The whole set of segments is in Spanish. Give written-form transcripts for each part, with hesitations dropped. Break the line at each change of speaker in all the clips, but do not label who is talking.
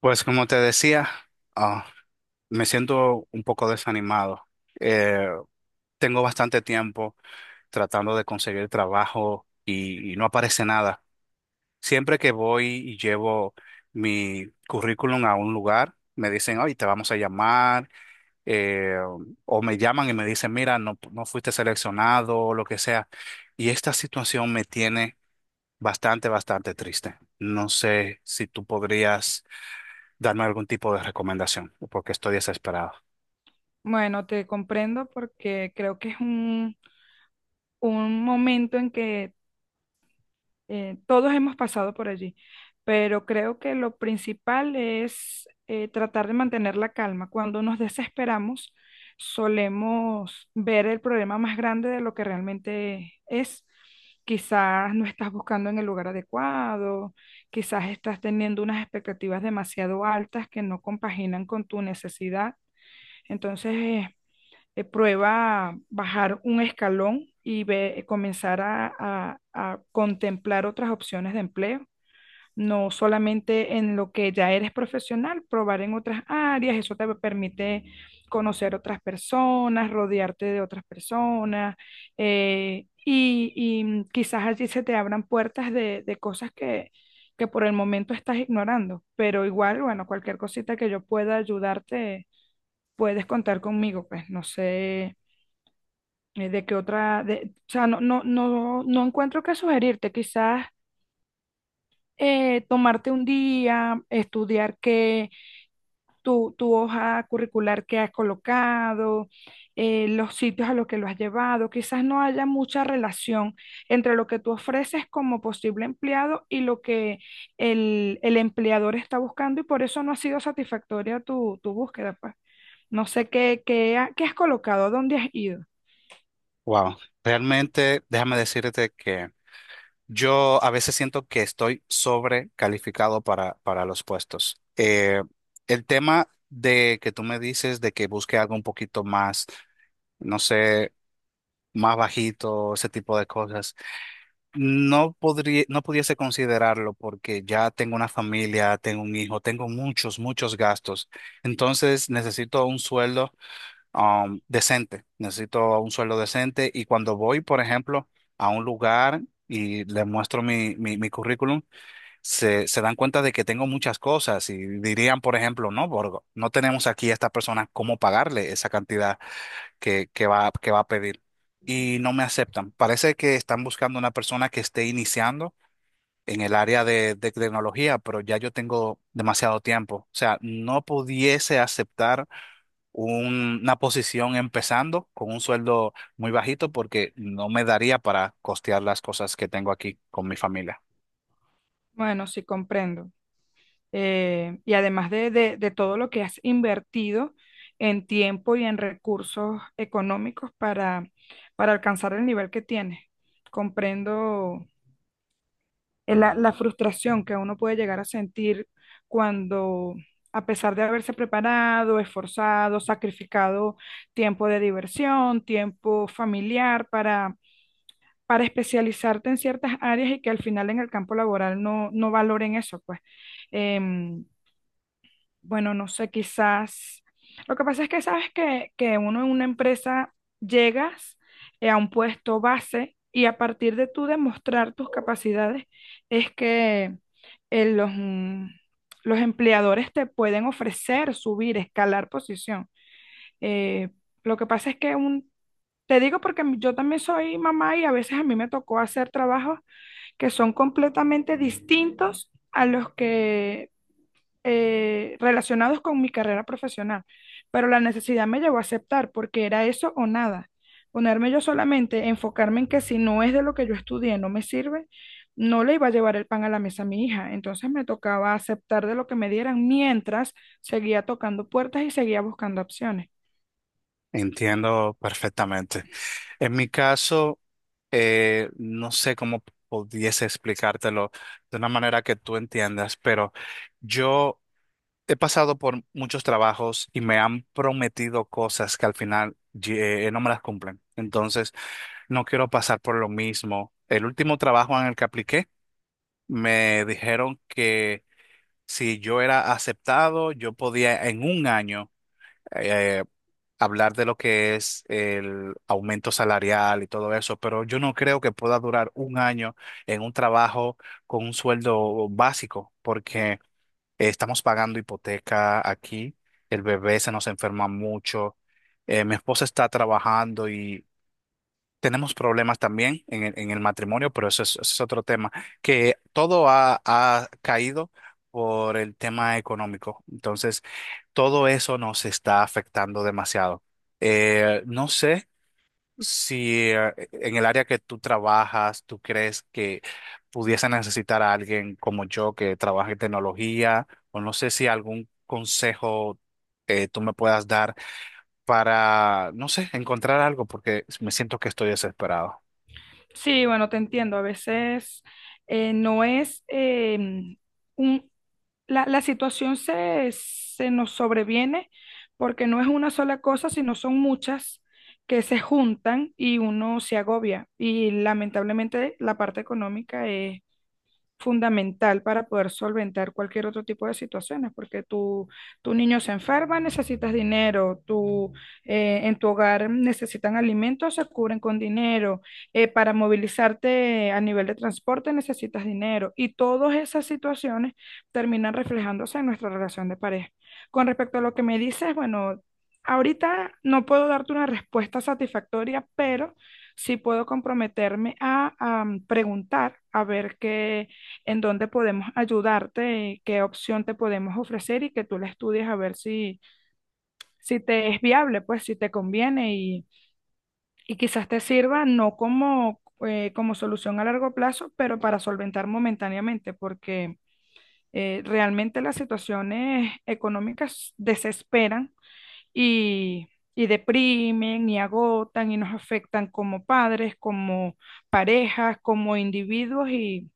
Pues como te decía, ah, me siento un poco desanimado. Eh, Tengo bastante tiempo tratando de conseguir trabajo y no aparece nada. Siempre que voy y llevo mi currículum a un lugar, me dicen, oye, te vamos a llamar, eh, o me llaman y me dicen, mira, no, no fuiste seleccionado o lo que sea. Y esta situación me tiene bastante triste. No sé si tú podrías darme algún tipo de recomendación, porque estoy desesperado.
Bueno, te comprendo porque creo que es un momento en que todos hemos pasado por allí, pero creo que lo principal es tratar de mantener la calma. Cuando nos desesperamos, solemos ver el problema más grande de lo que realmente es. Quizás no estás buscando en el lugar adecuado, quizás estás teniendo unas expectativas demasiado altas que no compaginan con tu necesidad. Entonces, prueba bajar un escalón y comenzar a contemplar otras opciones de empleo. No solamente en lo que ya eres profesional, probar en otras áreas, eso te permite conocer otras personas, rodearte de otras personas, y quizás allí se te abran puertas de cosas que por el momento estás ignorando, pero igual, bueno, cualquier cosita que yo pueda ayudarte, puedes contar conmigo, pues no sé. De que otra, de, o sea, no encuentro qué sugerirte. Quizás tomarte un día, estudiar qué, tu hoja curricular que has colocado, los sitios a los que lo has llevado. Quizás no haya mucha relación entre lo que tú ofreces como posible empleado y lo que el empleador está buscando y por eso no ha sido satisfactoria tu búsqueda, pues. No sé qué has colocado, dónde has ido.
Wow, realmente déjame decirte que yo a veces siento que estoy sobrecalificado para los puestos. El tema de que tú me dices de que busque algo un poquito más, no sé, más bajito, ese tipo de cosas, no podría, no pudiese considerarlo porque ya tengo una familia, tengo un hijo, tengo muchos gastos. Entonces necesito un sueldo decente, necesito un sueldo decente y cuando voy, por ejemplo, a un lugar y le muestro mi currículum, se dan cuenta de que tengo muchas cosas y dirían, por ejemplo, no, Borgo, no tenemos aquí a esta persona cómo pagarle esa cantidad que va a pedir y no me aceptan. Parece que están buscando una persona que esté iniciando en el área de tecnología, pero ya yo tengo demasiado tiempo. O sea, no pudiese aceptar una posición empezando con un sueldo muy bajito porque no me daría para costear las cosas que tengo aquí con mi familia.
Bueno, sí, comprendo. Y además de, de todo lo que has invertido en tiempo y en recursos económicos para alcanzar el nivel que tienes. Comprendo la frustración que uno puede llegar a sentir cuando, a pesar de haberse preparado, esforzado, sacrificado tiempo de diversión, tiempo familiar para especializarte en ciertas áreas y que al final en el campo laboral no, no valoren eso, pues. Em, bueno, no sé, quizás. Lo que pasa es que sabes que uno en una empresa llegas a un puesto base y a partir de tú demostrar tus capacidades es que eh, los, mm, los empleadores te pueden ofrecer subir, escalar posición. Eh, lo que pasa es que un, te digo porque yo también soy mamá y a veces a mí me tocó hacer trabajos que son completamente distintos a los que relacionados con mi carrera profesional, pero la necesidad me llevó a aceptar porque era eso o nada. Ponerme yo solamente, enfocarme en que si no es de lo que yo estudié, no me sirve, no le iba a llevar el pan a la mesa a mi hija. Entonces me tocaba aceptar de lo que me dieran mientras seguía tocando puertas y seguía buscando opciones.
Entiendo perfectamente. En mi caso, no sé cómo pudiese explicártelo de una manera que tú entiendas, pero yo he pasado por muchos trabajos y me han prometido cosas que al final no me las cumplen. Entonces, no quiero pasar por lo mismo. El último trabajo en el que apliqué me dijeron que si yo era aceptado, yo podía en un año eh, hablar de lo que es el aumento salarial y todo eso, pero yo no creo que pueda durar un año en un trabajo con un sueldo básico, porque estamos pagando hipoteca aquí, el bebé se nos enferma mucho, mi esposa está trabajando, tenemos problemas también en el matrimonio, pero eso es otro tema, que todo ha caído por el tema económico. Entonces, todo eso nos está afectando demasiado. No sé si en el área que tú trabajas, tú crees que pudiese necesitar a alguien como yo que trabaje en tecnología, o no sé si algún consejo tú me puedas dar para, no sé, encontrar algo, porque me siento que estoy desesperado.
Sí, bueno, te entiendo. A veces no es un. La situación se nos sobreviene porque no es una sola cosa, sino son muchas que se juntan y uno se agobia. Y lamentablemente la parte económica es fundamental para poder solventar cualquier otro tipo de situaciones, porque tu niño se enferma, necesitas dinero, tu, en tu hogar necesitan alimentos, se cubren con dinero, para movilizarte a nivel de transporte necesitas dinero y todas esas situaciones terminan reflejándose en nuestra relación de pareja. Con respecto a lo que me dices, bueno, ahorita no puedo darte una respuesta satisfactoria, pero sí puedo comprometerme a preguntar, a ver qué, en dónde podemos ayudarte, qué opción te podemos ofrecer y que tú la estudies a ver si, si te es viable, pues si te conviene y quizás te sirva no como, como solución a largo plazo, pero para solventar momentáneamente, porque realmente las situaciones económicas desesperan y, y deprimen y agotan y nos afectan como padres, como parejas, como individuos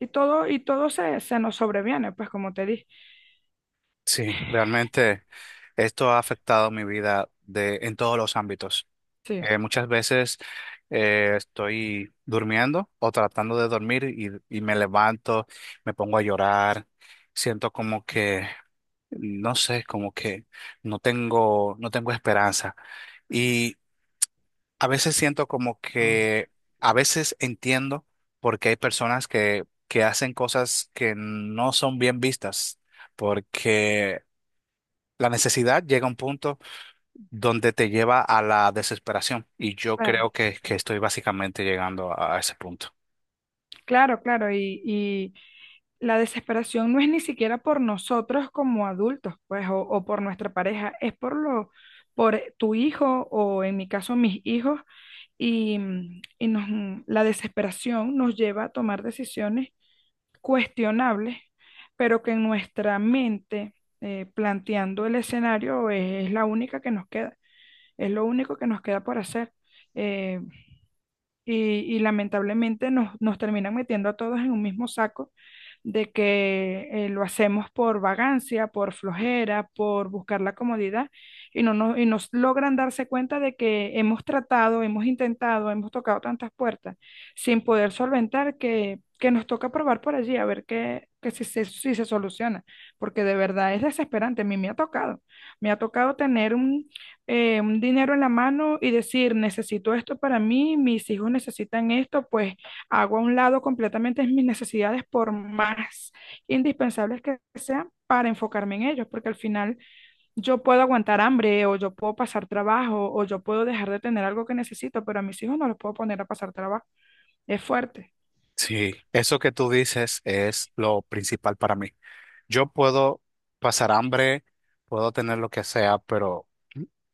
y todo se nos sobreviene, pues como te dije.
Sí, realmente esto ha afectado mi vida de, en todos los ámbitos.
Sí,
Muchas veces estoy durmiendo o tratando de dormir y me levanto, me pongo a llorar, siento como que, no sé, como que no tengo esperanza. Y a veces siento como que, a veces entiendo porque hay personas que hacen cosas que no son bien vistas, porque la necesidad llega a un punto donde te lleva a la desesperación y yo
claro,
creo que estoy básicamente llegando a ese punto.
claro, claro. Y la desesperación no es ni siquiera por nosotros como adultos, pues, o por nuestra pareja, es por lo, por tu hijo o en mi caso mis hijos. Y la desesperación nos lleva a tomar decisiones cuestionables, pero que en nuestra mente, planteando el escenario, es la única que nos queda, es lo único que nos queda por hacer. Eh, y, y lamentablemente nos, nos terminan metiendo a todos en un mismo saco de que lo hacemos por vagancia, por flojera, por buscar la comodidad y no nos, y nos logran darse cuenta de que hemos tratado, hemos intentado, hemos tocado tantas puertas sin poder solventar que nos toca probar por allí a ver qué, que si se, si se soluciona, porque de verdad es desesperante. A mí me ha tocado tener un dinero en la mano y decir, necesito esto para mí, mis hijos necesitan esto, pues hago a un lado completamente mis necesidades por más indispensables que sean para enfocarme en ellos, porque al final yo puedo aguantar hambre o yo puedo pasar trabajo o yo puedo dejar de tener algo que necesito, pero a mis hijos no los puedo poner a pasar trabajo. Es fuerte.
Sí, eso que tú dices es lo principal para mí. Yo puedo pasar hambre, puedo tener lo que sea, pero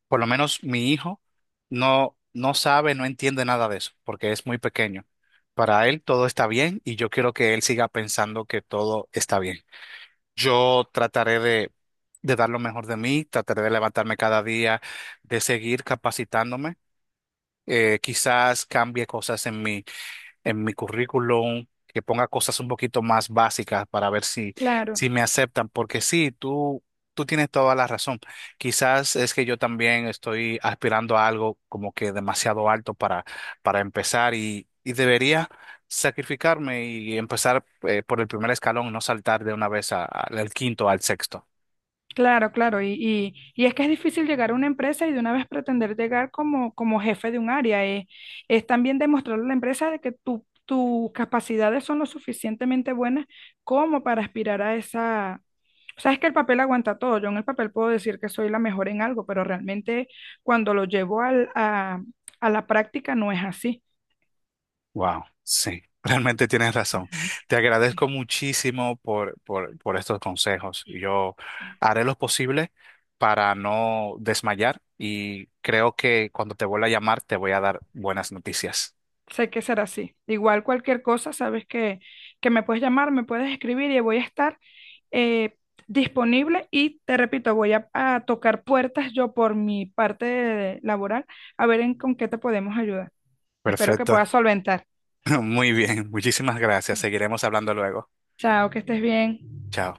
por lo menos mi hijo no sabe, no entiende nada de eso, porque es muy pequeño. Para él todo está bien y yo quiero que él siga pensando que todo está bien. Yo trataré de dar lo mejor de mí, trataré de levantarme cada día, de seguir capacitándome. Quizás cambie cosas en mí, en mi currículum, que ponga cosas un poquito más básicas para ver si,
Claro.
si me aceptan, porque sí, tú tienes toda la razón. Quizás es que yo también estoy aspirando a algo como que demasiado alto para empezar y debería sacrificarme y empezar por el primer escalón, no saltar de una vez al quinto, al sexto.
Claro, claro, y es que es difícil llegar a una empresa y de una vez pretender llegar como, como jefe de un área. Es también demostrarle a la empresa de que tus capacidades son lo suficientemente buenas como para aspirar a esa... O sea, es que el papel aguanta todo. Yo en el papel puedo decir que soy la mejor en algo, pero realmente cuando lo llevo a la práctica no es así.
Wow, sí, realmente tienes razón.
Ujú.
Te agradezco muchísimo por estos consejos. Yo haré lo posible para no desmayar y creo que cuando te vuelva a llamar te voy a dar buenas noticias.
Sé que será así. Igual cualquier cosa, sabes que me puedes llamar, me puedes escribir y voy a estar eh, disponible y te repito, voy a tocar puertas yo por mi parte laboral a ver en con qué te podemos ayudar. Espero que
Perfecto.
puedas solventar.
Muy bien, muchísimas gracias. Seguiremos hablando luego.
Chao, que estés bien.
Chao.